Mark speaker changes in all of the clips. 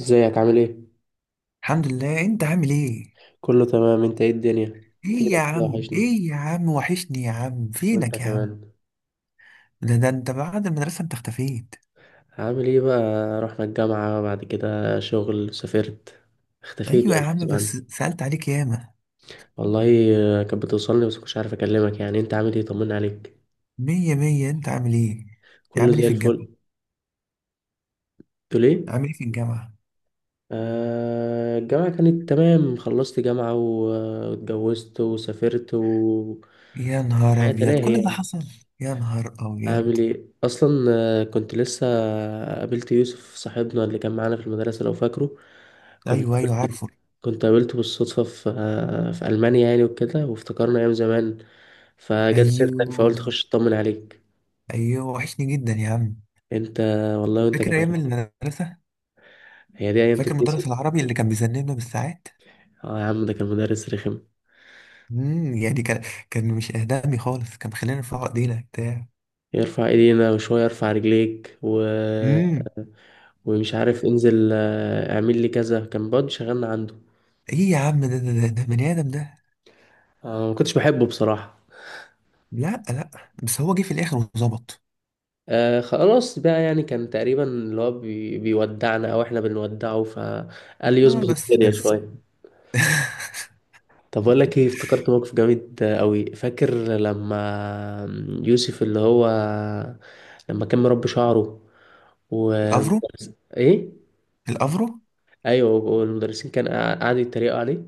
Speaker 1: ازيك عامل ايه؟
Speaker 2: الحمد لله، انت عامل ايه؟
Speaker 1: كله تمام، انت ايه الدنيا؟
Speaker 2: ايه يا
Speaker 1: فينك كده،
Speaker 2: عم،
Speaker 1: وحشني.
Speaker 2: ايه يا عم، وحشني يا عم،
Speaker 1: وانت
Speaker 2: فينك يا عم؟
Speaker 1: كمان.
Speaker 2: ده انت بعد المدرسة انت اختفيت.
Speaker 1: عامل ايه بقى؟ رحنا الجامعة، بعد كده شغل، سافرت، اختفيت
Speaker 2: ايوه يا
Speaker 1: يعني
Speaker 2: عم،
Speaker 1: غصب
Speaker 2: بس
Speaker 1: عني.
Speaker 2: سألت عليك ياما.
Speaker 1: والله. كانت بتوصلني بس مش عارف اكلمك، يعني انت عامل ايه؟ طمنا عليك.
Speaker 2: مية مية، انت عامل ايه؟
Speaker 1: كله
Speaker 2: عامل ايه
Speaker 1: زي
Speaker 2: في الجامعة؟
Speaker 1: الفل. قلت ليه؟
Speaker 2: عامل ايه في الجامعة؟
Speaker 1: آه، الجامعة كانت تمام. خلصت جامعة واتجوزت وسافرت و
Speaker 2: يا نهار
Speaker 1: الحياة
Speaker 2: ابيض،
Speaker 1: تلاهي
Speaker 2: كل ده
Speaker 1: يعني.
Speaker 2: حصل؟ يا نهار ابيض.
Speaker 1: عامل ايه اصلا؟ كنت لسه قابلت يوسف صاحبنا اللي كان معانا في المدرسه، لو فاكره. كنت
Speaker 2: ايوه ايوه
Speaker 1: قابلت
Speaker 2: عارفه.
Speaker 1: كنت قابلته بالصدفه في المانيا يعني وكده، وافتكرنا ايام زمان، فجت سيرتك فقلت
Speaker 2: ايوه
Speaker 1: اخش اطمن عليك.
Speaker 2: ايوه وحشني جدا يا عم.
Speaker 1: انت. والله وانت
Speaker 2: فاكر ايام
Speaker 1: كمان.
Speaker 2: المدرسة؟
Speaker 1: هي دي ايام
Speaker 2: فاكر
Speaker 1: تتنسي.
Speaker 2: مدرس العربي اللي كان بيذنبنا بالساعات؟
Speaker 1: اه يا عم، ده كان مدرس رخم.
Speaker 2: يعني كان، كان مش اهدامي خالص، كان بيخلينا نرفع ايدينا بتاع
Speaker 1: يرفع ايدينا وشويه يرفع رجليك و...
Speaker 2: امم
Speaker 1: ومش عارف انزل، اعمل لي كذا. كان برضه شغالنا عنده.
Speaker 2: ايه يا عم، ده بني ادم ده.
Speaker 1: ما كنتش بحبه بصراحه.
Speaker 2: لا لا، بس هو جه في الاخر وظبط.
Speaker 1: آه خلاص بقى، يعني كان تقريبا اللي هو بيودعنا او احنا بنودعه، فقال
Speaker 2: اه
Speaker 1: يظبط
Speaker 2: بس
Speaker 1: الدنيا
Speaker 2: بس
Speaker 1: شويه. طب اقول لك ايه؟ افتكرت موقف جامد قوي. فاكر لما يوسف اللي هو لما كان مربي شعره و...
Speaker 2: الافرو.
Speaker 1: ايه؟
Speaker 2: الافرو.
Speaker 1: ايوه، والمدرسين كان قعدوا يتريقوا عليه.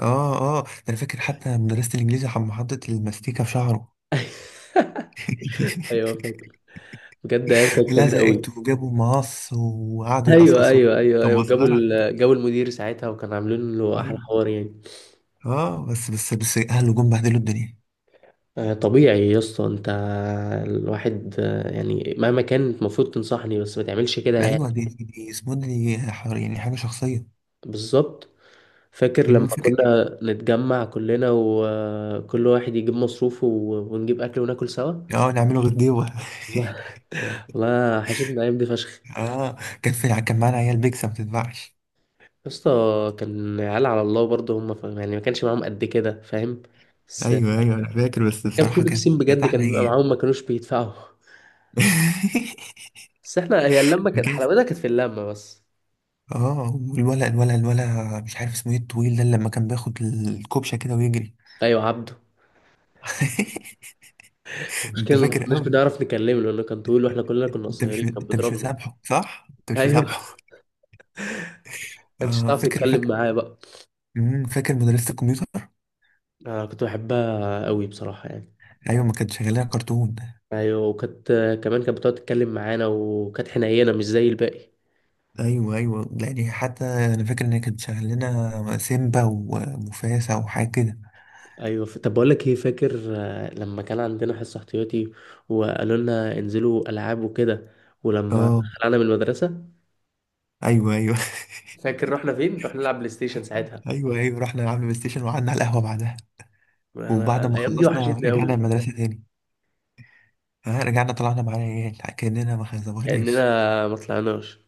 Speaker 2: اه اه، ده انا فاكر حتى مدرسة الانجليزي حطت الماستيكة في شعره.
Speaker 1: ايوه فاكر. بجد ايام كانت جامده قوي.
Speaker 2: لزقت وجابوا مقص وقعدوا
Speaker 1: ايوه
Speaker 2: يقصقصوه.
Speaker 1: ايوه ايوه
Speaker 2: كان
Speaker 1: ايوه،
Speaker 2: مسخرة.
Speaker 1: جابوا المدير ساعتها وكانوا عاملين له احلى
Speaker 2: ايوه.
Speaker 1: حوار يعني.
Speaker 2: اه بس اهله جم بهدلوا الدنيا.
Speaker 1: طبيعي يا اسطى. انت الواحد، يعني مهما كان المفروض تنصحني بس ما تعملش كده
Speaker 2: ده
Speaker 1: يعني.
Speaker 2: ايوه، دي اسمه، يعني حاجة شخصية.
Speaker 1: بالظبط. فاكر لما
Speaker 2: فاكر.
Speaker 1: كنا نتجمع كلنا وكل واحد يجيب مصروفه ونجيب اكل وناكل سوا.
Speaker 2: اه نعمله غديوة.
Speaker 1: والله. والله حشتنا الايام دي فشخ
Speaker 2: اه كان كان معانا عيال بيكسب ما بتتباعش.
Speaker 1: يا اسطى. كان عيال على الله برضه، هم يعني ما كانش معاهم قد كده، فاهم. بس
Speaker 2: ايوه ايوه انا فاكر، بس
Speaker 1: كان في
Speaker 2: بصراحه كانت
Speaker 1: بيكسين
Speaker 2: كانت
Speaker 1: بجد كان
Speaker 2: احلى
Speaker 1: بيبقى
Speaker 2: ايام.
Speaker 1: معاهم ما كانوش بيدفعوا. بس احنا، هي اللمه كانت
Speaker 2: جاز.
Speaker 1: حلاوتها، كانت في اللمه بس.
Speaker 2: اه، والولا الولا الولا مش عارف اسمه ايه، الطويل ده اللي لما كان بياخد الكوبشه كده ويجري.
Speaker 1: ايوه عبده.
Speaker 2: انت
Speaker 1: المشكلة إن ما
Speaker 2: فاكر
Speaker 1: كناش
Speaker 2: قوي.
Speaker 1: بنعرف نكلمه لأنه كان طويل وإحنا كلنا كنا
Speaker 2: انت مش
Speaker 1: قصيرين. كان
Speaker 2: انت مش
Speaker 1: بيضربنا.
Speaker 2: مسامحه، صح؟ انت مش
Speaker 1: ايوه،
Speaker 2: مسامحه.
Speaker 1: ما كانتش
Speaker 2: اه
Speaker 1: تعرف
Speaker 2: فاكر
Speaker 1: تتكلم
Speaker 2: فاكر.
Speaker 1: معاه بقى.
Speaker 2: فاكر مدرسه الكمبيوتر.
Speaker 1: أنا كنت بحبها قوي بصراحة يعني.
Speaker 2: ايوه، ما كانت شغاله لنا كرتون.
Speaker 1: أيوة. وكانت كمان كانت بتقعد تتكلم معانا، وكانت حنينة مش زي الباقي.
Speaker 2: ايوه ايوه، يعني حتى انا فاكر ان هي كانت شغاله لنا سيمبا ومفاسه وحاجه كده.
Speaker 1: أيوة. طب بقول لك إيه؟ فاكر لما كان عندنا حصة احتياطي وقالوا لنا انزلوا ألعاب وكده، ولما
Speaker 2: اه
Speaker 1: خلعنا من المدرسة،
Speaker 2: ايوه ايوه.
Speaker 1: فاكر رحنا فين؟ رحنا نلعب بلاي ستيشن ساعتها.
Speaker 2: ايوه ايوه، رحنا لعبنا بلاي ستيشن وقعدنا على القهوه بعدها.
Speaker 1: أنا
Speaker 2: وبعد ما
Speaker 1: الأيام دي
Speaker 2: خلصنا
Speaker 1: وحشتني
Speaker 2: رجعنا
Speaker 1: قوي.
Speaker 2: المدرسه تاني. ها رجعنا طلعنا مع العيال كاننا ما خزمناش.
Speaker 1: كأننا ما طلعناش.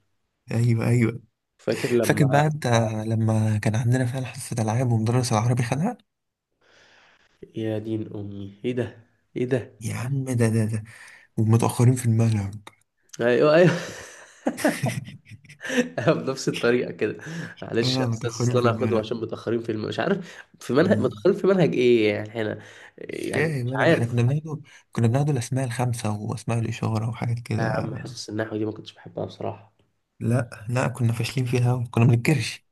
Speaker 2: ايوه ايوه.
Speaker 1: فاكر
Speaker 2: فاكر
Speaker 1: لما...
Speaker 2: بقى انت لما كان عندنا فعلا حصه العاب، ومدرس العربي خدها؟
Speaker 1: يا دين امي ايه ده، ايه ده.
Speaker 2: يا عم ده ومتاخرين في المنهج.
Speaker 1: ايوه ايوه. أنا بنفس الطريقه كده: معلش يا
Speaker 2: اه
Speaker 1: استاذ،
Speaker 2: متاخرين
Speaker 1: اصل
Speaker 2: في
Speaker 1: انا هاخده
Speaker 2: المنهج.
Speaker 1: عشان متاخرين في مش عارف في منهج،
Speaker 2: آه،
Speaker 1: متاخرين في منهج ايه يعني احنا؟
Speaker 2: مش
Speaker 1: يعني مش
Speaker 2: فاهم انا، ده احنا كنا
Speaker 1: عارف.
Speaker 2: بناخده، كنا بناخده الاسماء الخمسه واسماء الاشاره وحاجات كده.
Speaker 1: يا عم حصص النحو دي ما كنتش بحبها بصراحه.
Speaker 2: لا لا، كنا فاشلين فيها أوي، كنا بنتكرش.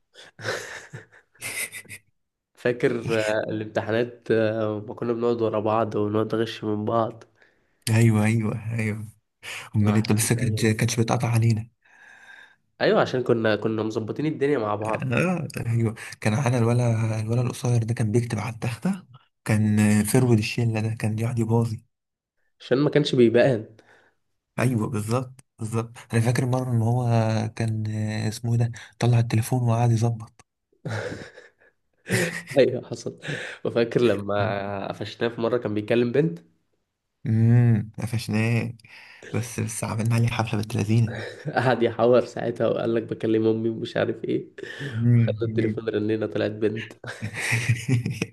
Speaker 1: فاكر الامتحانات، ما كنا بنقعد ورا بعض ونقعد نغش من بعض.
Speaker 2: ايوه ايوه ايوه.
Speaker 1: أنا
Speaker 2: امال انت؟
Speaker 1: وحشتني
Speaker 2: بس كانت،
Speaker 1: الأيام دي.
Speaker 2: كانتش بتقطع علينا.
Speaker 1: ايوه، عشان كنا مظبطين الدنيا مع بعض.
Speaker 2: آه ايوه. كان معانا الولا القصير ده كان بيكتب على التخته. كان فرود الشله ده كان يقعد يباظي.
Speaker 1: عشان ما كانش بيبان.
Speaker 2: ايوه بالظبط بالظبط، انا فاكر مره ان هو كان، اسمه إيه ده، طلع التليفون وقعد يظبط.
Speaker 1: ايوه حصل. وفاكر لما قفشناه في مره كان بيكلم بنت.
Speaker 2: قفشناه، بس عملنا عليه حفله بنت لذينه.
Speaker 1: قعد يحور ساعتها وقال لك بكلم امي ومش عارف ايه. خدنا
Speaker 2: مم، مم.
Speaker 1: التليفون، رنينا، طلعت بنت.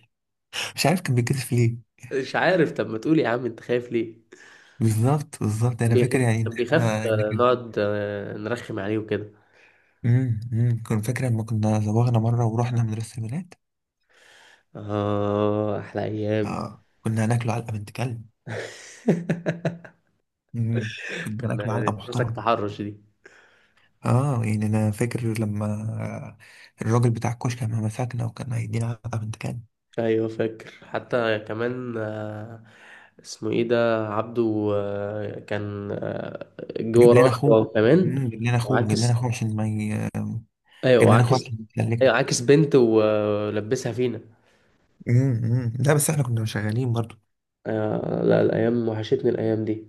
Speaker 2: مش عارف كان بيتكسف ليه.
Speaker 1: مش عارف. طب ما تقول يا عم، انت خايف ليه؟
Speaker 2: بالظبط بالظبط، انا فاكر
Speaker 1: بيخاف
Speaker 2: يعني ان
Speaker 1: كان بيخاف
Speaker 2: احنا ان كان.
Speaker 1: نقعد نرخم عليه وكده.
Speaker 2: كنت فاكر لما كنا زوغنا مرة ورحنا مدرسة البنات؟
Speaker 1: اه احلى ايام.
Speaker 2: اه كنا هناكله علقة بنت كلب. كنا هناكله
Speaker 1: كان
Speaker 2: علقة
Speaker 1: مسك
Speaker 2: محترمة.
Speaker 1: تحرش دي.
Speaker 2: اه يعني انا فاكر لما الراجل بتاع الكشك لما مسكنا وكان هيدينا علقة بنت كلب.
Speaker 1: ايوه فاكر. حتى كمان اسمه ايه ده؟ عبده. كان جوه
Speaker 2: جاب لنا
Speaker 1: ورانا
Speaker 2: اخوه.
Speaker 1: هو كمان،
Speaker 2: جاب لنا اخوه، جاب لنا
Speaker 1: وعاكس.
Speaker 2: اخوه عشان ما ي...
Speaker 1: ايوه
Speaker 2: جاب لنا اخوه
Speaker 1: وعاكس،
Speaker 2: عشان يسلكنا.
Speaker 1: ايوه عاكس بنت ولبسها فينا.
Speaker 2: لا بس احنا كنا شغالين برضو.
Speaker 1: لا، الايام وحشتني الايام دي.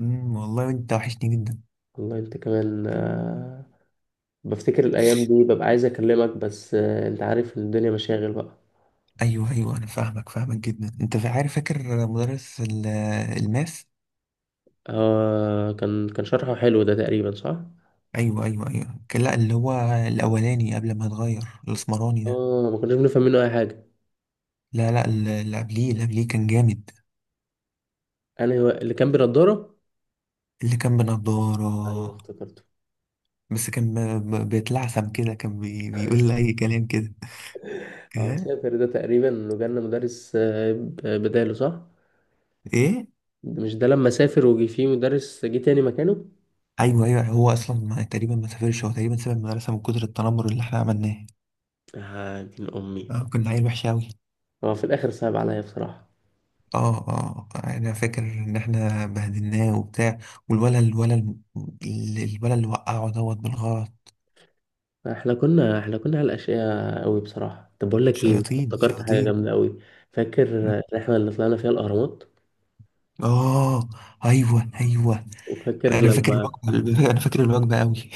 Speaker 2: والله انت وحشني جدا.
Speaker 1: والله انت كمان. بفتكر الايام دي ببقى عايز اكلمك، بس انت عارف ان الدنيا مشاغل بقى.
Speaker 2: ايوه ايوه، انا فاهمك فاهمك جدا. عارف فاكر الماس؟
Speaker 1: آه كان شرحه حلو. ده تقريبا صح.
Speaker 2: ايوه ايوه ايوه، لا اللي هو الاولاني قبل ما اتغير، الاسمراني ده.
Speaker 1: اه، ما كناش بنفهم منه اي حاجه.
Speaker 2: لا لا، اللي قبليه كان جامد.
Speaker 1: انا هو اللي كان بنضاره.
Speaker 2: اللي كان
Speaker 1: ايوه
Speaker 2: بنضارة.
Speaker 1: افتكرته.
Speaker 2: بس كان بيتلعثم كده، كان بيقول اي كلام كده.
Speaker 1: اه
Speaker 2: إيه؟
Speaker 1: سافر، ده تقريبا لو جالنا مدرس بداله صح؟
Speaker 2: ايه.
Speaker 1: مش ده لما سافر وجي فيه مدرس، جه تاني مكانه.
Speaker 2: ايوه ايوه، هو اصلا ما، تقريبا ما سافرش، هو تقريبا ساب المدرسه من كتر التنمر اللي احنا عملناه.
Speaker 1: آه دين امي،
Speaker 2: كنا عيل وحش قوي.
Speaker 1: هو في الاخر صعب عليا بصراحه.
Speaker 2: اه اه آه. انا فاكر ان احنا بهدلناه وبتاع. والولد الولد الولد اللي وقعه دوت بالغلط.
Speaker 1: احنا كنا على الاشياء قوي بصراحه. طب بقول لك ايه؟
Speaker 2: شياطين
Speaker 1: افتكرت حاجه
Speaker 2: شياطين.
Speaker 1: جامده قوي. فاكر الرحله اللي طلعنا فيها الاهرامات؟
Speaker 2: اه ايوه ايوه،
Speaker 1: وفاكر
Speaker 2: انا فاكر
Speaker 1: لما...
Speaker 2: الوجبه. انا فاكر الوجبه قوي،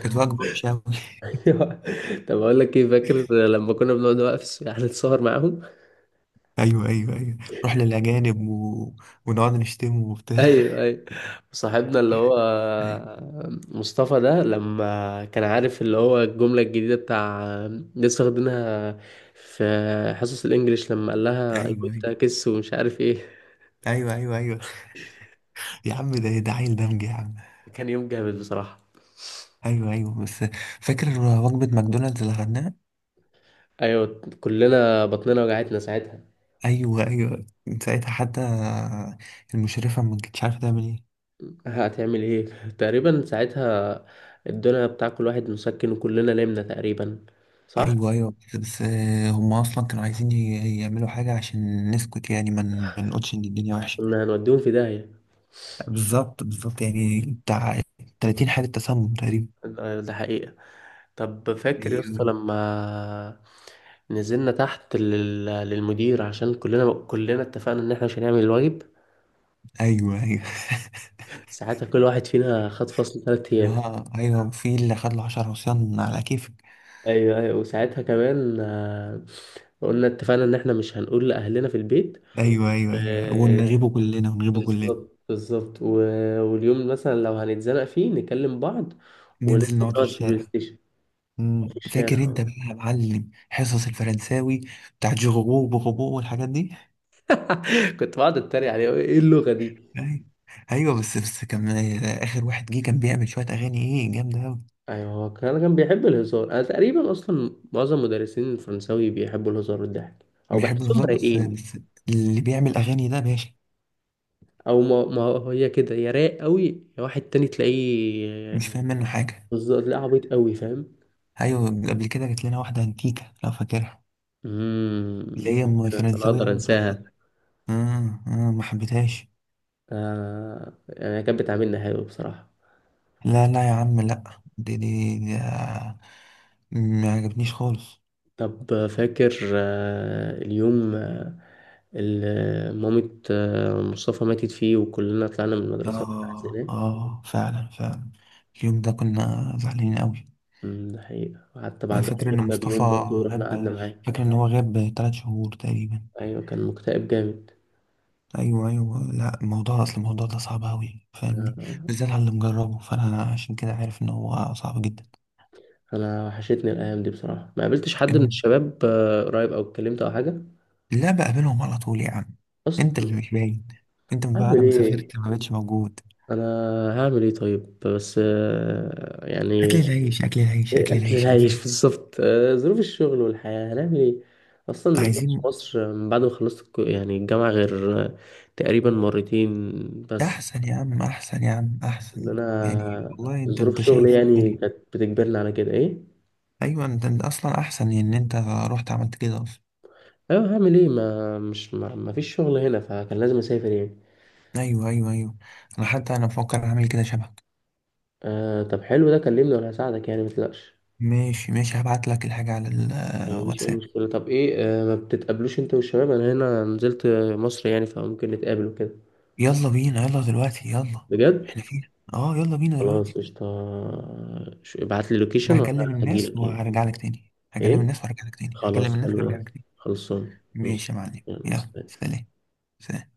Speaker 2: كانت وجبه وحشه قوي.
Speaker 1: طب اقول لك ايه، فاكر لما كنا بنقعد بقى في يعني نتصور معاهم؟
Speaker 2: ايوه ايوه ايوه، رحنا للاجانب ونقعد نشتمه وبتاع.
Speaker 1: ايوه ايوه. صاحبنا اللي هو
Speaker 2: ايوه
Speaker 1: مصطفى ده، لما كان عارف اللي هو الجملة الجديدة بتاع لسه واخدينها في حصص الانجليش، لما قال لها اي
Speaker 2: ايوه
Speaker 1: ونت كيس ومش عارف ايه.
Speaker 2: ايوه ايوه ايوه ايوه، يا عم ده عيل دمج يا عم.
Speaker 1: كان يوم جامد بصراحة.
Speaker 2: ايوه ايوه، بس فاكر وجبه ماكدونالدز اللي خدناها؟
Speaker 1: ايوه، كلنا بطننا وجعتنا ساعتها.
Speaker 2: ايوه ايوه، من ساعتها حتى المشرفه ما كانتش عارفه تعمل ايه.
Speaker 1: هتعمل ايه؟ تقريبا ساعتها ادونا بتاع كل واحد مسكن وكلنا نمنا تقريبا، صح؟
Speaker 2: ايوه ايوه بس هم اصلا كانوا عايزين يعملوا حاجه عشان نسكت، يعني ما نقولش ان الدنيا وحشه.
Speaker 1: كنا هنوديهم في داهية.
Speaker 2: بالظبط بالظبط، يعني بتاع 30 حالة تسمم تقريبا.
Speaker 1: ده حقيقة. طب فاكر يا اسطى
Speaker 2: أيوه
Speaker 1: لما نزلنا تحت للمدير عشان كلنا اتفقنا ان احنا مش هنعمل الواجب؟
Speaker 2: أيوه أيوه.
Speaker 1: ساعتها كل واحد فينا خد فصل 3 ايام.
Speaker 2: اه ايوه، في اللي خد له 10 عصيان على كيفك.
Speaker 1: ايوه ايوه، وساعتها كمان قلنا اتفقنا ان احنا مش هنقول لاهلنا في البيت.
Speaker 2: ايوه ايوه ايوه،
Speaker 1: آه،
Speaker 2: ونغيبه كلنا، ونغيبه كلنا.
Speaker 1: بالظبط بالظبط. واليوم مثلا لو هنتزنق فيه نكلم بعض،
Speaker 2: ننزل
Speaker 1: وننزل
Speaker 2: نقعد في
Speaker 1: نقعد في البلاي
Speaker 2: الشارع.
Speaker 1: ستيشن أو في
Speaker 2: مم. فاكر
Speaker 1: الشارع.
Speaker 2: انت بقى يا معلم حصص الفرنساوي بتاعت جوجو وبوغوبو والحاجات دي؟
Speaker 1: كنت بقعد اتريق عليه، ايه اللغة دي.
Speaker 2: ايوه ايوه بس كان اخر واحد جه كان بيعمل شويه اغاني، ايه جامده قوي.
Speaker 1: ايوه، هو كان بيحب الهزار. انا تقريبا اصلا معظم مدرسين الفرنساوي بيحبوا الهزار والضحك، او
Speaker 2: بيحب
Speaker 1: بحسهم
Speaker 2: الهزار، بس
Speaker 1: رايقين،
Speaker 2: بس اللي بيعمل اغاني ده باشا.
Speaker 1: او ما هي كده. يا رايق قوي يا واحد تاني
Speaker 2: مش
Speaker 1: تلاقيه.
Speaker 2: فاهم منه حاجه.
Speaker 1: بالظبط، تلاقيه عبيط قوي، فاهم.
Speaker 2: ايوه، قبل كده جات لنا واحده انتيكه، لو فاكرها؟ اللي
Speaker 1: امم،
Speaker 2: هي
Speaker 1: انا
Speaker 2: فرنساويه
Speaker 1: اقدر
Speaker 2: قوي في نفسها.
Speaker 1: انساها.
Speaker 2: ما حبيتهاش.
Speaker 1: يعني كانت بتعاملنا حلو بصراحه.
Speaker 2: لا لا يا عم لا، دي ما عجبنيش خالص.
Speaker 1: طب فاكر اليوم اللي مامة مصطفى ماتت فيه، وكلنا طلعنا من المدرسه وإحنا
Speaker 2: اه
Speaker 1: حزينين.
Speaker 2: اه فعلا فعلا، اليوم ده كنا زعلانين قوي.
Speaker 1: ده حقيقة. وحتى
Speaker 2: انا
Speaker 1: بعدها
Speaker 2: فاكر ان
Speaker 1: جبنا
Speaker 2: مصطفى
Speaker 1: بيوم برضه ورحنا
Speaker 2: غاب.
Speaker 1: قعدنا معاه.
Speaker 2: فاكر ان هو غاب 3 شهور تقريبا.
Speaker 1: أيوة كان مكتئب جامد.
Speaker 2: ايوه ايوه، لا الموضوع، اصل الموضوع ده صعب قوي، فاهمني؟
Speaker 1: آه،
Speaker 2: بالذات على اللي مجربه، فانا عشان كده عارف ان هو صعب.
Speaker 1: أنا وحشتني الأيام دي بصراحة. ما قابلتش حد من
Speaker 2: جدا.
Speaker 1: الشباب قريب، أو اتكلمت، أو حاجة
Speaker 2: لا بقابلهم على طول يا عم. انت اللي
Speaker 1: أصلا.
Speaker 2: مش باين، انت من بعد
Speaker 1: هعمل
Speaker 2: ما
Speaker 1: إيه؟
Speaker 2: سافرت ما بقتش موجود.
Speaker 1: أنا هعمل إيه؟ طيب، بس
Speaker 2: اكل
Speaker 1: يعني
Speaker 2: العيش، اكل العيش، اكل
Speaker 1: أكل
Speaker 2: العيش يا
Speaker 1: العيش.
Speaker 2: زين.
Speaker 1: بالظبط ظروف الشغل والحياة هنعمل إيه؟ أصلا ما نزلتش
Speaker 2: عايزين.
Speaker 1: مصر من بعد ما خلصت يعني الجامعة غير تقريبا مرتين بس.
Speaker 2: احسن يا عم، احسن يا عم،
Speaker 1: ان
Speaker 2: احسن،
Speaker 1: انا
Speaker 2: يعني والله انت،
Speaker 1: ظروف
Speaker 2: انت
Speaker 1: شغلي
Speaker 2: شايف
Speaker 1: يعني
Speaker 2: الدنيا.
Speaker 1: كانت بتجبرني على كده. ايه،
Speaker 2: ايوه انت اصلا احسن ان انت رحت عملت كده اصلا.
Speaker 1: ايوه. هعمل ايه؟ ما مش ما, ما فيش شغل هنا، فكان لازم اسافر يعني.
Speaker 2: ايوه ايوه ايوه، انا حتى انا بفكر اعمل كده شبهك.
Speaker 1: آه طب حلو ده، كلمني وانا هساعدك، يعني متقلقش.
Speaker 2: ماشي ماشي، هبعت لك الحاجه على
Speaker 1: مفيش اي
Speaker 2: الواتساب.
Speaker 1: مشكله. طب ايه، آه ما بتتقابلوش انت والشباب؟ انا هنا نزلت مصر يعني، فممكن نتقابل وكده.
Speaker 2: يلا بينا، يلا دلوقتي، يلا.
Speaker 1: بجد.
Speaker 2: احنا فين؟ اه يلا بينا
Speaker 1: خلاص
Speaker 2: دلوقتي.
Speaker 1: قشطه. ابعت لي لوكيشن
Speaker 2: انا
Speaker 1: وانا
Speaker 2: هكلم الناس
Speaker 1: هجيلك يعني.
Speaker 2: وهرجع لك تاني، هكلم
Speaker 1: ايه،
Speaker 2: الناس وهرجع لك تاني، هكلم
Speaker 1: خلاص
Speaker 2: الناس
Speaker 1: حلو
Speaker 2: وهرجع
Speaker 1: ده.
Speaker 2: لك تاني.
Speaker 1: خلصان
Speaker 2: ماشي
Speaker 1: ماشي.
Speaker 2: يا معلم،
Speaker 1: يلا
Speaker 2: يلا
Speaker 1: سلام.
Speaker 2: سلام. سلام.